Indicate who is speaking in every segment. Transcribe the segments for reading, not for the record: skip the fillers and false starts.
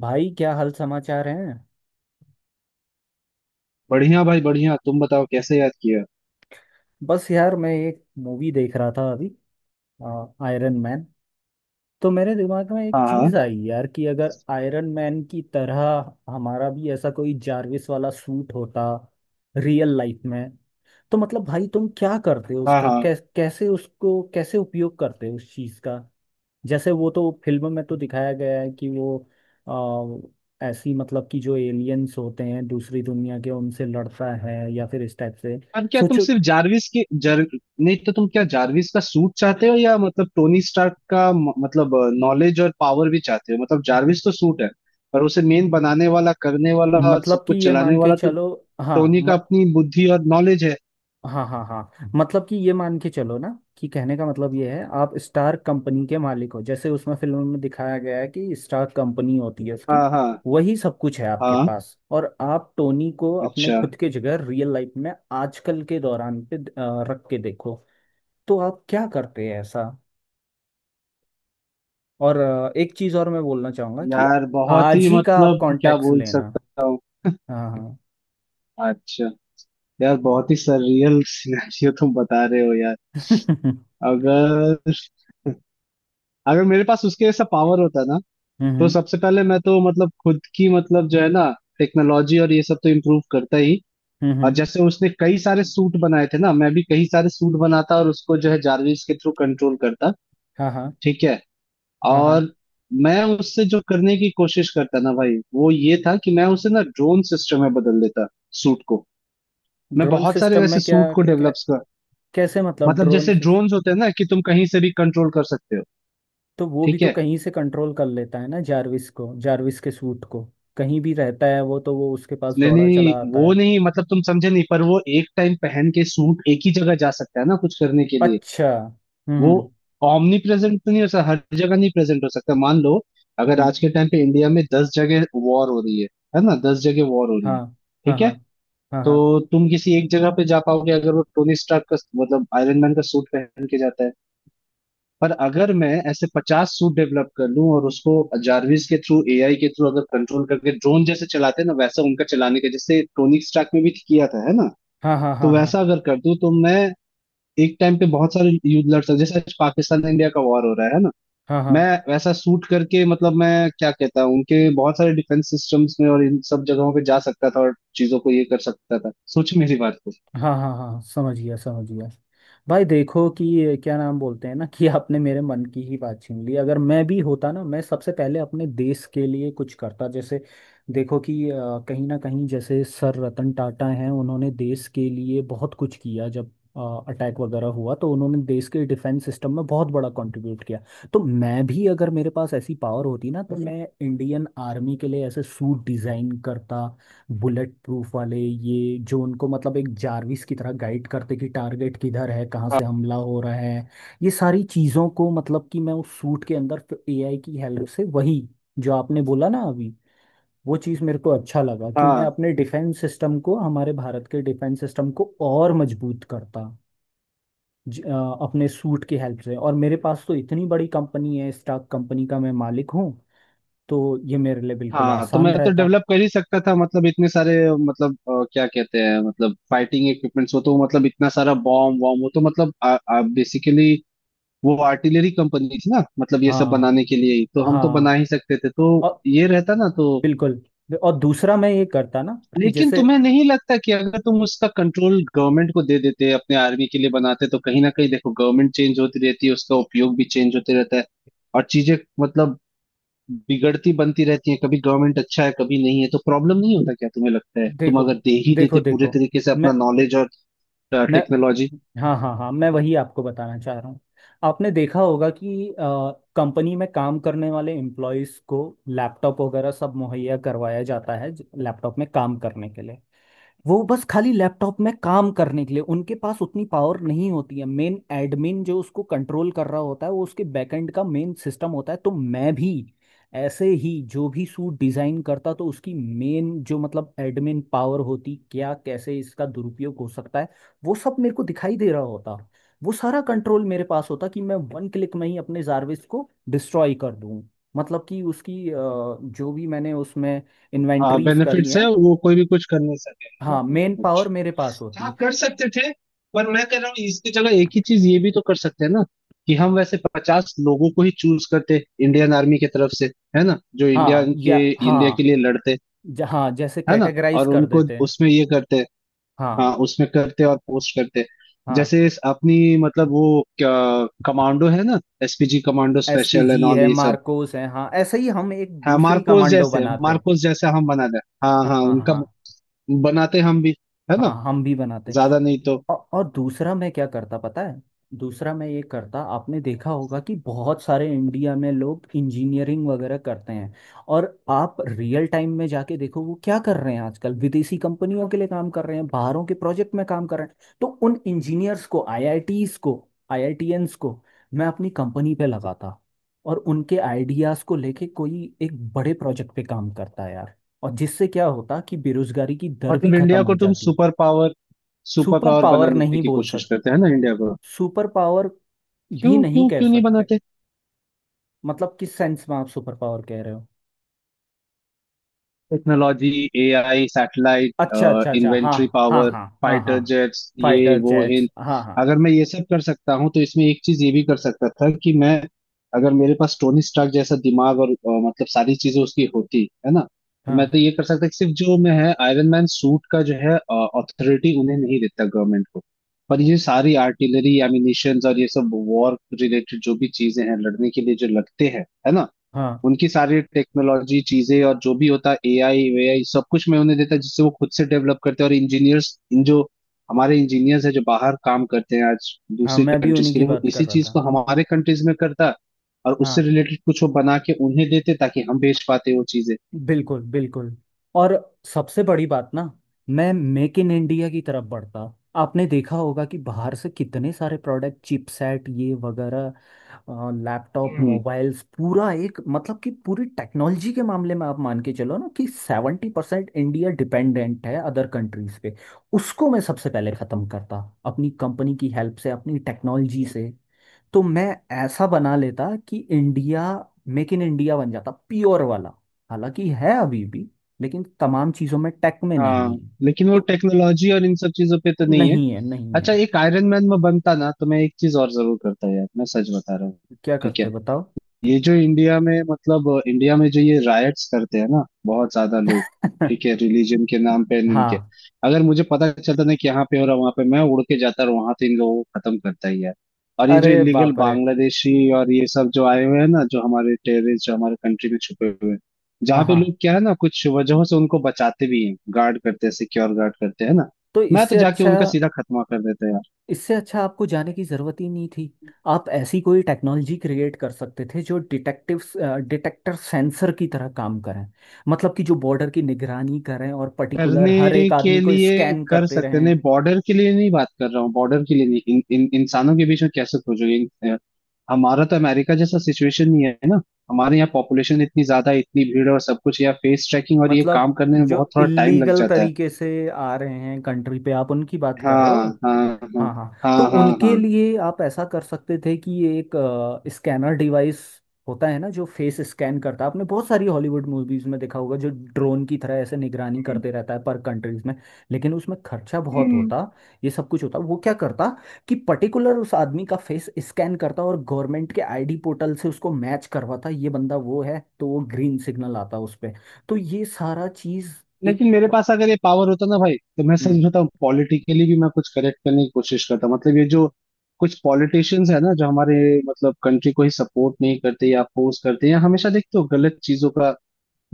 Speaker 1: भाई, क्या हाल समाचार हैं।
Speaker 2: बढ़िया भाई, बढ़िया। तुम बताओ, कैसे याद किया?
Speaker 1: बस यार, मैं एक मूवी देख रहा था अभी। Iron man. तो मेरे दिमाग में एक
Speaker 2: हाँ,
Speaker 1: चीज
Speaker 2: हाँ।
Speaker 1: आई यार कि अगर आयरन मैन की तरह हमारा भी ऐसा कोई जारविस वाला सूट होता रियल लाइफ में। तो मतलब भाई, तुम क्या करते हो
Speaker 2: हाँ,
Speaker 1: उसका
Speaker 2: हाँ।
Speaker 1: कैसे उसको कैसे उपयोग करते हो उस चीज का? जैसे वो तो फिल्म में तो दिखाया गया है कि वो ऐसी मतलब कि जो एलियंस होते हैं दूसरी दुनिया के उनसे लड़ता है या फिर इस टाइप से।
Speaker 2: अब क्या तुम
Speaker 1: सोचो।
Speaker 2: सिर्फ जारविस के जर नहीं तो तुम क्या जारविस का सूट चाहते हो, या मतलब टोनी स्टार्क का मतलब नॉलेज और पावर भी चाहते हो? मतलब जारविस तो सूट है, पर उसे मेन बनाने वाला, करने वाला और सब
Speaker 1: मतलब कि
Speaker 2: कुछ
Speaker 1: ये
Speaker 2: चलाने
Speaker 1: मान के
Speaker 2: वाला तो
Speaker 1: चलो। हाँ,
Speaker 2: टोनी का अपनी बुद्धि और नॉलेज है।
Speaker 1: हाँ हाँ हाँ मतलब कि ये मान के चलो ना कि कहने का मतलब ये है, आप स्टार कंपनी के मालिक हो। जैसे उसमें फिल्म में दिखाया गया है कि स्टार कंपनी होती है उसकी,
Speaker 2: हाँ, हाँ,
Speaker 1: वही सब कुछ है आपके
Speaker 2: हाँ।
Speaker 1: पास। और आप टोनी को अपने
Speaker 2: अच्छा।
Speaker 1: खुद के जगह रियल लाइफ में आजकल के दौरान पे रख के देखो। तो आप क्या करते हैं ऐसा? और एक चीज और मैं बोलना चाहूंगा कि
Speaker 2: यार, बहुत
Speaker 1: आज
Speaker 2: ही
Speaker 1: ही का आप
Speaker 2: मतलब क्या
Speaker 1: कॉन्टेक्ट
Speaker 2: बोल
Speaker 1: लेना।
Speaker 2: सकता हूँ।
Speaker 1: हाँ हाँ।
Speaker 2: अच्छा। यार, बहुत ही सररियल सिनेरियो तुम बता रहे हो यार।
Speaker 1: हम्म।
Speaker 2: अगर अगर मेरे पास उसके जैसा पावर होता ना, तो
Speaker 1: हम्म।
Speaker 2: सबसे पहले मैं तो मतलब खुद की, मतलब जो है ना, टेक्नोलॉजी और ये सब तो इम्प्रूव करता ही।
Speaker 1: हम्म,
Speaker 2: और
Speaker 1: हम्म।
Speaker 2: जैसे उसने कई सारे सूट बनाए थे ना, मैं भी कई सारे सूट बनाता और उसको जो है जारविस के थ्रू कंट्रोल करता।
Speaker 1: हाँ हाँ
Speaker 2: ठीक है।
Speaker 1: हाँ हाँ।
Speaker 2: और मैं उससे जो करने की कोशिश करता ना भाई, वो ये था कि मैं उसे ना ड्रोन सिस्टम में बदल देता, सूट को। मैं
Speaker 1: ड्रोन
Speaker 2: बहुत सारे
Speaker 1: सिस्टम
Speaker 2: वैसे
Speaker 1: में
Speaker 2: सूट
Speaker 1: क्या,
Speaker 2: को
Speaker 1: क्या?
Speaker 2: डेवलप कर।
Speaker 1: कैसे मतलब
Speaker 2: मतलब
Speaker 1: ड्रोन
Speaker 2: जैसे ड्रोन्स होते हैं ना कि तुम कहीं से भी कंट्रोल कर सकते हो।
Speaker 1: तो वो भी
Speaker 2: ठीक
Speaker 1: तो
Speaker 2: है।
Speaker 1: कहीं से कंट्रोल कर लेता है ना जारविस को, जारविस के सूट को। कहीं भी रहता है वो, तो वो उसके पास
Speaker 2: नहीं,
Speaker 1: दौड़ा चला
Speaker 2: नहीं,
Speaker 1: आता
Speaker 2: वो
Speaker 1: है।
Speaker 2: नहीं, मतलब तुम समझे नहीं। पर वो एक टाइम पहन के सूट एक ही जगह जा सकता है ना कुछ करने के लिए।
Speaker 1: अच्छा।
Speaker 2: वो
Speaker 1: हम्म।
Speaker 2: ऑमनी प्रेजेंट तो नहीं हो सकता, हर जगह नहीं प्रेजेंट हो सकता। मान लो अगर
Speaker 1: हम्म।
Speaker 2: आज के टाइम पे इंडिया में 10 जगह वॉर हो रही है ना, 10 जगह वॉर हो रही
Speaker 1: हाँ
Speaker 2: है,
Speaker 1: हाँ
Speaker 2: ठीक है,
Speaker 1: हाँ हाँ।
Speaker 2: तो
Speaker 1: हाँ
Speaker 2: तुम किसी एक जगह पे जा पाओगे अगर वो टोनी स्टार्क का, मतलब आयरन मैन का सूट पहन के जाता है। पर अगर मैं ऐसे 50 सूट डेवलप कर लूं और उसको जारविस के थ्रू, एआई के थ्रू अगर कंट्रोल करके ड्रोन जैसे चलाते हैं ना वैसा, उनका चलाने का जैसे टोनिक स्टार्क में भी किया था, है ना,
Speaker 1: हाँ हाँ
Speaker 2: तो
Speaker 1: हाँ। हाँ
Speaker 2: वैसा अगर कर दूं तो मैं एक टाइम पे बहुत सारे युद्ध लड़ सकता। जैसे आज पाकिस्तान इंडिया का वॉर हो रहा है ना,
Speaker 1: हाँ हाँ
Speaker 2: मैं वैसा सूट करके, मतलब मैं क्या कहता हूँ, उनके बहुत सारे डिफेंस सिस्टम्स में और इन सब जगहों पे जा सकता था और चीजों को ये कर सकता था। सोच मेरी बात को।
Speaker 1: हाँ। हाँ हाँ, समझ गया समझ गया। भाई देखो कि ये क्या नाम बोलते हैं ना कि आपने मेरे मन की ही बात छीन ली। अगर मैं भी होता ना, मैं सबसे पहले अपने देश के लिए कुछ करता। जैसे देखो कि कहीं ना कहीं जैसे सर रतन टाटा हैं, उन्होंने देश के लिए बहुत कुछ किया। जब अटैक वगैरह हुआ तो उन्होंने देश के डिफेंस सिस्टम में बहुत बड़ा कंट्रीब्यूट किया। तो मैं भी अगर मेरे पास ऐसी पावर होती ना, तो मैं इंडियन आर्मी के लिए ऐसे सूट डिज़ाइन करता। बुलेट प्रूफ वाले, ये जो उनको मतलब एक जारविस की तरह गाइड करते कि टारगेट किधर है, कहाँ
Speaker 2: हाँ,
Speaker 1: से हमला हो रहा है, ये सारी चीज़ों को। मतलब कि मैं उस सूट के अंदर एआई की हेल्प से वही जो आपने बोला ना अभी, वो चीज़ मेरे को अच्छा लगा कि मैं
Speaker 2: हाँ,
Speaker 1: अपने डिफेंस सिस्टम को, हमारे भारत के डिफेंस सिस्टम को और मजबूत करता अपने सूट की हेल्प से। और मेरे पास तो इतनी बड़ी कंपनी है, स्टॉक कंपनी का मैं मालिक हूँ। तो ये मेरे लिए बिल्कुल
Speaker 2: हाँ। तो
Speaker 1: आसान
Speaker 2: मैं तो
Speaker 1: रहता।
Speaker 2: डेवलप कर ही सकता था, मतलब इतने सारे, मतलब क्या कहते हैं, मतलब फाइटिंग इक्विपमेंट्स हो, तो मतलब इतना सारा बॉम्ब वॉम्ब, वो तो मतलब बेसिकली वो आर्टिलरी कंपनी थी ना, मतलब ये सब
Speaker 1: हाँ
Speaker 2: बनाने के लिए ही तो, हम तो बना
Speaker 1: हाँ,
Speaker 2: ही सकते थे, तो ये रहता ना तो।
Speaker 1: बिल्कुल। और दूसरा मैं ये करता ना, कि
Speaker 2: लेकिन
Speaker 1: जैसे
Speaker 2: तुम्हें नहीं लगता कि अगर तुम उसका कंट्रोल गवर्नमेंट को दे देते, अपने आर्मी के लिए बनाते, तो कहीं ना कहीं देखो गवर्नमेंट चेंज होती रहती है, उसका उपयोग भी चेंज होते रहता है और चीजें मतलब बिगड़ती बनती रहती है, कभी गवर्नमेंट अच्छा है कभी नहीं है, तो प्रॉब्लम नहीं होता क्या? तुम्हें लगता है तुम
Speaker 1: देखो
Speaker 2: अगर दे ही देते
Speaker 1: देखो
Speaker 2: पूरे
Speaker 1: देखो,
Speaker 2: तरीके से अपना
Speaker 1: मैं
Speaker 2: नॉलेज और
Speaker 1: मैं
Speaker 2: टेक्नोलॉजी।
Speaker 1: हाँ हाँ हाँ, मैं वही आपको बताना चाह रहा हूँ। आपने देखा होगा कि कंपनी में काम करने वाले एम्प्लॉयज़ को लैपटॉप वगैरह सब मुहैया करवाया जाता है, लैपटॉप में काम करने के लिए। वो बस खाली लैपटॉप में काम करने के लिए, उनके पास उतनी पावर नहीं होती है। मेन एडमिन जो उसको कंट्रोल कर रहा होता है, वो उसके बैकएंड का मेन सिस्टम होता है। तो मैं भी ऐसे ही जो भी सूट डिजाइन करता, तो उसकी मेन जो मतलब एडमिन पावर होती, क्या कैसे इसका दुरुपयोग हो सकता है वो सब मेरे को दिखाई दे रहा होता। वो सारा कंट्रोल मेरे पास होता कि मैं वन क्लिक में ही अपने जारविस को डिस्ट्रॉय कर दूं। मतलब कि उसकी जो भी मैंने उसमें
Speaker 2: हाँ
Speaker 1: इन्वेंट्रीज करी
Speaker 2: बेनिफिट्स है,
Speaker 1: हैं।
Speaker 2: वो कोई भी कुछ कर नहीं सके, है ना,
Speaker 1: हाँ,
Speaker 2: तो
Speaker 1: मेन पावर
Speaker 2: कुछ।
Speaker 1: मेरे पास
Speaker 2: हाँ,
Speaker 1: होती।
Speaker 2: कर सकते थे। पर मैं कह रहा हूँ इसकी जगह एक ही चीज ये भी तो कर सकते हैं ना, कि हम वैसे 50 लोगों को ही चूज करते इंडियन आर्मी की तरफ से, है ना, जो
Speaker 1: हाँ या
Speaker 2: इंडिया के
Speaker 1: हाँ।
Speaker 2: लिए लड़ते,
Speaker 1: हाँ, जैसे
Speaker 2: है ना,
Speaker 1: कैटेगराइज
Speaker 2: और
Speaker 1: कर
Speaker 2: उनको
Speaker 1: देते हैं।
Speaker 2: उसमें ये करते।
Speaker 1: हाँ
Speaker 2: हाँ, उसमें करते और पोस्ट करते,
Speaker 1: हाँ।
Speaker 2: जैसे इस अपनी मतलब वो क्या, कमांडो है ना, SPG commando, special
Speaker 1: SPG
Speaker 2: and all
Speaker 1: है,
Speaker 2: ये सब।
Speaker 1: मार्कोस है, हाँ ऐसे ही हम एक
Speaker 2: हाँ,
Speaker 1: दूसरी
Speaker 2: मार्कोस
Speaker 1: कमांडो
Speaker 2: जैसे,
Speaker 1: बनाते हैं।
Speaker 2: मार्कोस जैसे हम बना दे। हाँ,
Speaker 1: हाँ
Speaker 2: हाँ,
Speaker 1: हाँ
Speaker 2: उनका
Speaker 1: हाँ
Speaker 2: बनाते हम भी, है ना,
Speaker 1: हाँ। हम भी बनाते हैं।
Speaker 2: ज्यादा नहीं तो।
Speaker 1: और दूसरा मैं क्या करता पता है? दूसरा मैं ये करता, आपने देखा होगा कि बहुत सारे इंडिया में लोग इंजीनियरिंग वगैरह करते हैं। और आप रियल टाइम में जाके देखो वो क्या कर रहे हैं आजकल। विदेशी कंपनियों के लिए काम कर रहे हैं, बाहरों के प्रोजेक्ट में काम कर रहे हैं। तो उन इंजीनियर्स को, आईआईटीज को, आईआईटीएंस को मैं अपनी कंपनी पे लगाता, और उनके आइडियाज को लेके कोई एक बड़े प्रोजेक्ट पे काम करता यार। और जिससे क्या होता कि बेरोजगारी की दर भी
Speaker 2: मतलब
Speaker 1: खत्म
Speaker 2: इंडिया
Speaker 1: हो
Speaker 2: को तुम
Speaker 1: जाती।
Speaker 2: Super power, super
Speaker 1: super
Speaker 2: power
Speaker 1: power
Speaker 2: बनाने
Speaker 1: नहीं
Speaker 2: की
Speaker 1: बोल
Speaker 2: कोशिश
Speaker 1: सकते।
Speaker 2: करते हैं ना इंडिया को।
Speaker 1: सुपर पावर भी
Speaker 2: क्यों,
Speaker 1: नहीं
Speaker 2: क्यों,
Speaker 1: कह
Speaker 2: क्यों नहीं
Speaker 1: सकते।
Speaker 2: बनाते?
Speaker 1: मतलब किस सेंस में आप सुपर पावर कह रहे हो?
Speaker 2: टेक्नोलॉजी, एआई,
Speaker 1: अच्छा अच्छा
Speaker 2: सैटेलाइट,
Speaker 1: अच्छा, हाँ।
Speaker 2: इन्वेंट्री
Speaker 1: हाँ
Speaker 2: पावर,
Speaker 1: हाँ हाँ हाँ।
Speaker 2: फाइटर जेट्स, ये
Speaker 1: फाइटर
Speaker 2: वो इन।
Speaker 1: जेट्स, हाँ हाँ।
Speaker 2: अगर मैं ये सब कर सकता हूँ तो इसमें एक चीज ये भी कर सकता था कि मैं, अगर मेरे पास टोनी स्टार्क जैसा दिमाग और मतलब सारी चीजें उसकी होती, है ना, तो मैं तो
Speaker 1: हाँ
Speaker 2: ये कर सकता कि सिर्फ जो मैं है आयरन मैन सूट का जो है अथॉरिटी, उन्हें नहीं देता गवर्नमेंट को। पर ये सारी आर्टिलरी, एमिनिशंस और ये सब वॉर रिलेटेड जो भी चीजें हैं लड़ने के लिए जो लगते हैं, है ना,
Speaker 1: हाँ
Speaker 2: उनकी सारी टेक्नोलॉजी चीजें और जो भी होता एआई वेआई, सब कुछ मैं उन्हें देता, जिससे वो खुद से डेवलप करते हैं। और इंजीनियर्स इन जो हमारे इंजीनियर्स है जो बाहर काम करते हैं आज
Speaker 1: हाँ
Speaker 2: दूसरी
Speaker 1: मैं भी
Speaker 2: कंट्रीज
Speaker 1: उन्हीं
Speaker 2: के
Speaker 1: की
Speaker 2: लिए, वो
Speaker 1: बात कर
Speaker 2: इसी
Speaker 1: रहा
Speaker 2: चीज को
Speaker 1: था।
Speaker 2: हमारे कंट्रीज में करता, और उससे
Speaker 1: हाँ
Speaker 2: रिलेटेड कुछ वो बना के उन्हें देते ताकि हम बेच पाते वो चीजें।
Speaker 1: बिल्कुल बिल्कुल। और सबसे बड़ी बात ना, मैं मेक इन इंडिया की तरफ बढ़ता। आपने देखा होगा कि बाहर से कितने सारे प्रोडक्ट, चिपसेट, ये वगैरह, लैपटॉप,
Speaker 2: हम्म।
Speaker 1: मोबाइल्स, पूरा एक मतलब कि पूरी टेक्नोलॉजी के मामले में आप मान के चलो ना कि 70% इंडिया डिपेंडेंट है अदर कंट्रीज पे। उसको मैं सबसे पहले ख़त्म करता, अपनी कंपनी की हेल्प से, अपनी टेक्नोलॉजी से। तो मैं ऐसा बना लेता कि इंडिया मेक इन इंडिया बन जाता प्योर वाला। हालांकि है अभी भी, लेकिन तमाम चीज़ों में, टेक में
Speaker 2: हाँ,
Speaker 1: नहीं है।
Speaker 2: लेकिन वो
Speaker 1: तो
Speaker 2: टेक्नोलॉजी और इन सब चीजों पे तो नहीं है।
Speaker 1: नहीं है, नहीं है।
Speaker 2: अच्छा, एक आयरन मैन में बनता ना तो मैं एक चीज और जरूर करता यार, मैं सच बता रहा हूँ।
Speaker 1: क्या
Speaker 2: ठीक
Speaker 1: करते,
Speaker 2: है,
Speaker 1: बताओ?
Speaker 2: ये जो इंडिया में, मतलब इंडिया में जो ये रायट्स करते हैं ना बहुत ज्यादा लोग, ठीक है, रिलीजन के नाम पे, और इनके,
Speaker 1: हाँ।
Speaker 2: अगर मुझे पता चलता ना कि यहाँ पे हो रहा, वहां पे मैं उड़ के जाता और वहां तो इन लोगों को खत्म करता ही है। और ये जो
Speaker 1: अरे
Speaker 2: इलीगल
Speaker 1: बाप रे।
Speaker 2: बांग्लादेशी और ये सब जो आए हुए हैं ना, जो हमारे टेररिस्ट जो हमारे कंट्री में छुपे हुए हैं, जहाँ
Speaker 1: हाँ
Speaker 2: पे
Speaker 1: हाँ,
Speaker 2: लोग क्या है ना, कुछ वजहों से उनको बचाते भी हैं, गार्ड करते हैं, सिक्योर गार्ड करते हैं ना,
Speaker 1: तो
Speaker 2: मैं तो
Speaker 1: इससे
Speaker 2: जाके
Speaker 1: अच्छा,
Speaker 2: उनका सीधा खत्मा कर देता।
Speaker 1: इससे अच्छा आपको जाने की ज़रूरत ही नहीं थी। आप ऐसी कोई टेक्नोलॉजी क्रिएट कर सकते थे जो डिटेक्टिव्स, डिटेक्टर सेंसर की तरह काम करें। मतलब कि जो बॉर्डर की निगरानी करें और पर्टिकुलर हर
Speaker 2: करने
Speaker 1: एक
Speaker 2: के
Speaker 1: आदमी को
Speaker 2: लिए
Speaker 1: स्कैन
Speaker 2: कर
Speaker 1: करते
Speaker 2: सकते हैं, नहीं,
Speaker 1: रहें।
Speaker 2: बॉर्डर के लिए नहीं बात कर रहा हूँ, बॉर्डर के लिए नहीं, इन इंसानों के बीच में कैसे खोजोगे हमारा तो अमेरिका जैसा सिचुएशन नहीं है ना। हमारे यहाँ पॉपुलेशन इतनी ज्यादा है, इतनी भीड़ और सब कुछ, यहाँ फेस ट्रैकिंग और ये
Speaker 1: मतलब
Speaker 2: काम करने में
Speaker 1: जो
Speaker 2: बहुत थोड़ा टाइम लग
Speaker 1: इल्लीगल
Speaker 2: जाता है।
Speaker 1: तरीके से आ रहे हैं कंट्री पे, आप उनकी बात कर रहे
Speaker 2: हाँ,
Speaker 1: हो?
Speaker 2: हाँ,
Speaker 1: हाँ हाँ। तो
Speaker 2: हाँ, हाँ, हाँ,
Speaker 1: उनके
Speaker 2: हाँ।
Speaker 1: लिए आप ऐसा कर सकते थे कि ये एक स्कैनर डिवाइस होता है ना, जो फेस स्कैन करता है। आपने बहुत सारी हॉलीवुड मूवीज में देखा होगा, जो ड्रोन की तरह ऐसे निगरानी
Speaker 2: हम्म,
Speaker 1: करते रहता है पर कंट्रीज में। लेकिन उसमें खर्चा बहुत
Speaker 2: हम्म।
Speaker 1: होता, ये सब कुछ होता। वो क्या करता कि पर्टिकुलर उस आदमी का फेस स्कैन करता और गवर्नमेंट के आईडी पोर्टल से उसको मैच करवाता, ये बंदा वो है तो वो ग्रीन सिग्नल आता उस पर। तो ये सारा चीज़। एक
Speaker 2: लेकिन मेरे
Speaker 1: प्र-
Speaker 2: पास अगर ये पावर होता ना भाई, तो मैं सच
Speaker 1: हम्म।
Speaker 2: बताऊं, पॉलिटिकली भी मैं कुछ करेक्ट करने की कोशिश करता। मतलब ये जो कुछ पॉलिटिशियंस है ना जो हमारे मतलब कंट्री को ही सपोर्ट नहीं करते या अपोज करते हैं, या हमेशा देखते हो गलत चीजों का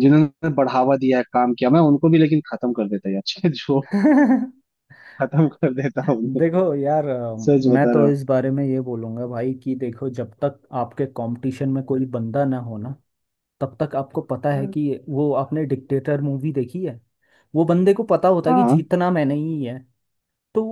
Speaker 2: जिन्होंने बढ़ावा दिया है, काम किया, मैं उनको भी लेकिन खत्म कर देता यार जो, खत्म कर देता हूँ,
Speaker 1: देखो यार,
Speaker 2: सच
Speaker 1: मैं
Speaker 2: बता
Speaker 1: तो
Speaker 2: रहा
Speaker 1: इस बारे में ये बोलूंगा भाई कि देखो, जब तक आपके कंपटीशन में कोई बंदा ना हो ना, तब तक आपको पता है
Speaker 2: हूँ।
Speaker 1: कि, वो आपने डिक्टेटर मूवी देखी है, वो बंदे को पता होता है कि
Speaker 2: हाँ,
Speaker 1: जीतना मैंने ही है। तो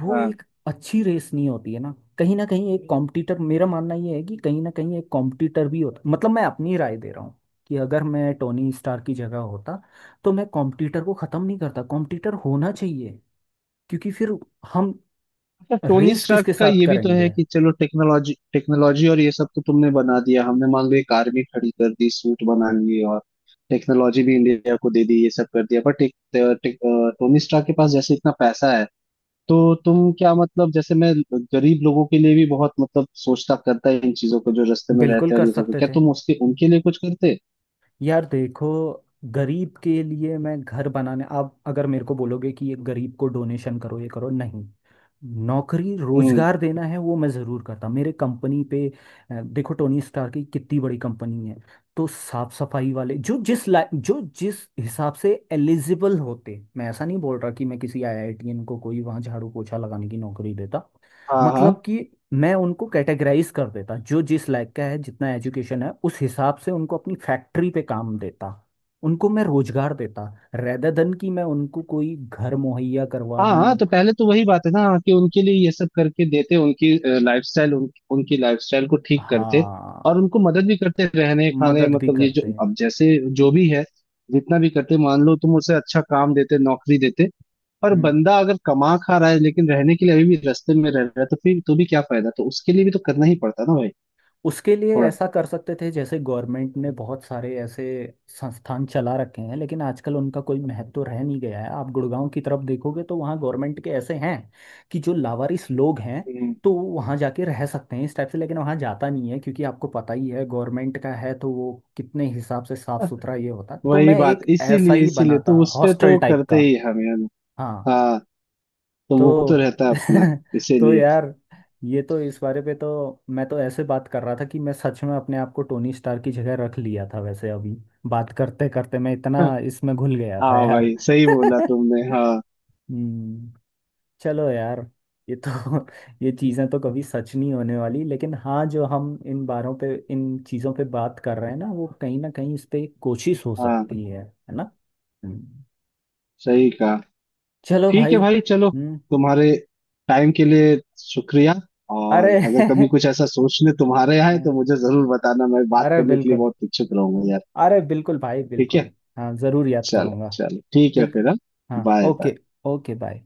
Speaker 1: वो
Speaker 2: हाँ।
Speaker 1: एक अच्छी रेस नहीं होती है ना। कहीं ना कहीं एक कॉम्पिटिटर, मेरा मानना ये है कि कहीं ना कहीं एक कॉम्पिटिटर भी होता। मतलब मैं अपनी राय दे रहा हूँ कि अगर मैं टोनी स्टार की जगह होता, तो मैं कॉम्पिटिटर को ख़त्म नहीं करता, कॉम्पिटिटर होना चाहिए। क्योंकि फिर हम
Speaker 2: अच्छा, टोनी
Speaker 1: रेस
Speaker 2: स्टार्क
Speaker 1: किसके
Speaker 2: का
Speaker 1: साथ
Speaker 2: ये भी तो है
Speaker 1: करेंगे?
Speaker 2: कि चलो टेक्नोलॉजी, टेक्नोलॉजी और ये सब तो तुमने बना दिया, हमने मान लो एक आर्मी खड़ी कर दी, सूट बना लिए और टेक्नोलॉजी भी इंडिया को दे दी, ये सब कर दिया, बट एक टे- टे- अ, टोनी स्टार्क के पास जैसे इतना पैसा है, तो तुम क्या, मतलब जैसे मैं गरीब लोगों के लिए भी बहुत मतलब सोचता, करता है इन चीजों को जो रास्ते में
Speaker 1: बिल्कुल
Speaker 2: रहते हैं
Speaker 1: कर
Speaker 2: और ये सब,
Speaker 1: सकते
Speaker 2: क्या
Speaker 1: थे।
Speaker 2: तुम उसके उनके लिए कुछ करते?
Speaker 1: यार देखो, गरीब के लिए मैं घर बनाने, आप अगर मेरे को बोलोगे कि ये गरीब को डोनेशन करो ये करो, नहीं। नौकरी,
Speaker 2: हम्म।
Speaker 1: रोजगार देना है, वो मैं ज़रूर करता मेरे कंपनी पे। देखो टोनी स्टार की कितनी बड़ी कंपनी है। तो साफ सफाई वाले जो जिस ला जो जिस हिसाब से एलिजिबल होते, मैं ऐसा नहीं बोल रहा कि मैं किसी आईआईटीएन को कोई वहाँ झाड़ू पोछा लगाने की नौकरी देता।
Speaker 2: हाँ, हाँ,
Speaker 1: मतलब कि मैं उनको कैटेगराइज कर देता, जो जिस लायक का है, जितना एजुकेशन है उस हिसाब से उनको अपनी फैक्ट्री पे काम देता। उनको मैं रोजगार देता, रेदर देन कि मैं उनको कोई घर मुहैया करवा
Speaker 2: हाँ, हाँ,
Speaker 1: दूं।
Speaker 2: तो पहले तो वही बात है ना कि उनके लिए ये सब करके देते, उनकी लाइफस्टाइल, उनकी लाइफस्टाइल को ठीक करते, और
Speaker 1: हाँ,
Speaker 2: उनको मदद भी करते रहने, खाने,
Speaker 1: मदद भी
Speaker 2: मतलब ये जो
Speaker 1: करते हैं।
Speaker 2: अब जैसे, जो भी है जितना भी करते, मान लो तुम उसे अच्छा काम देते, नौकरी देते, पर
Speaker 1: हम्म।
Speaker 2: बंदा अगर कमा खा रहा है लेकिन रहने के लिए अभी भी रास्ते में रह रहा है, तो फिर तो भी क्या फायदा? तो उसके लिए भी तो करना ही पड़ता ना भाई,
Speaker 1: उसके लिए
Speaker 2: थोड़ा।
Speaker 1: ऐसा कर सकते थे जैसे गवर्नमेंट ने बहुत सारे ऐसे संस्थान चला रखे हैं, लेकिन आजकल उनका कोई महत्व रह नहीं गया है। आप गुड़गांव की तरफ देखोगे तो वहाँ गवर्नमेंट के ऐसे हैं कि जो लावारिस लोग हैं,
Speaker 2: हम्म,
Speaker 1: तो वो वहाँ जाके रह सकते हैं इस टाइप से। लेकिन वहाँ जाता नहीं है, क्योंकि आपको पता ही है गवर्नमेंट का है तो वो कितने हिसाब से साफ सुथरा ये होता। तो
Speaker 2: वही
Speaker 1: मैं
Speaker 2: बात,
Speaker 1: एक ऐसा
Speaker 2: इसीलिए,
Speaker 1: ही बनाता
Speaker 2: तो उस पे
Speaker 1: हॉस्टल
Speaker 2: तो
Speaker 1: टाइप का।
Speaker 2: करते ही हम यार।
Speaker 1: हाँ,
Speaker 2: हाँ, तो वो तो
Speaker 1: तो
Speaker 2: रहता है अपना,
Speaker 1: तो
Speaker 2: इसीलिए।
Speaker 1: यार, ये तो इस बारे पे तो, मैं तो ऐसे बात कर रहा था कि मैं सच में अपने आप को टोनी स्टार की जगह रख लिया था वैसे अभी। बात करते करते मैं इतना इसमें घुल गया था
Speaker 2: हाँ
Speaker 1: यार।
Speaker 2: भाई, सही बोला तुमने, हाँ।
Speaker 1: हम्म। चलो यार, ये तो ये चीज़ें तो कभी सच नहीं होने वाली, लेकिन हाँ, जो हम इन बारों पे, इन चीज़ों पे बात कर रहे हैं ना, वो कहीं ना कहीं इस पे एक कोशिश हो
Speaker 2: हाँ,
Speaker 1: सकती है ना। हम्म।
Speaker 2: सही कहा।
Speaker 1: चलो
Speaker 2: ठीक है
Speaker 1: भाई।
Speaker 2: भाई चलो,
Speaker 1: हम्म।
Speaker 2: तुम्हारे टाइम के लिए शुक्रिया। और
Speaker 1: अरे
Speaker 2: अगर कभी कुछ ऐसा सोचने तुम्हारे यहाँ है तो
Speaker 1: हाँ,
Speaker 2: मुझे जरूर बताना, मैं बात
Speaker 1: अरे
Speaker 2: करने के लिए
Speaker 1: बिल्कुल,
Speaker 2: बहुत उत्सुक रहूंगा यार।
Speaker 1: अरे बिल्कुल भाई
Speaker 2: ठीक है,
Speaker 1: बिल्कुल। हाँ, ज़रूर याद
Speaker 2: चलो
Speaker 1: करूँगा।
Speaker 2: चलो, ठीक है
Speaker 1: ठीक।
Speaker 2: फिर, हाँ।
Speaker 1: हाँ
Speaker 2: बाय।
Speaker 1: ओके। Okay, bye.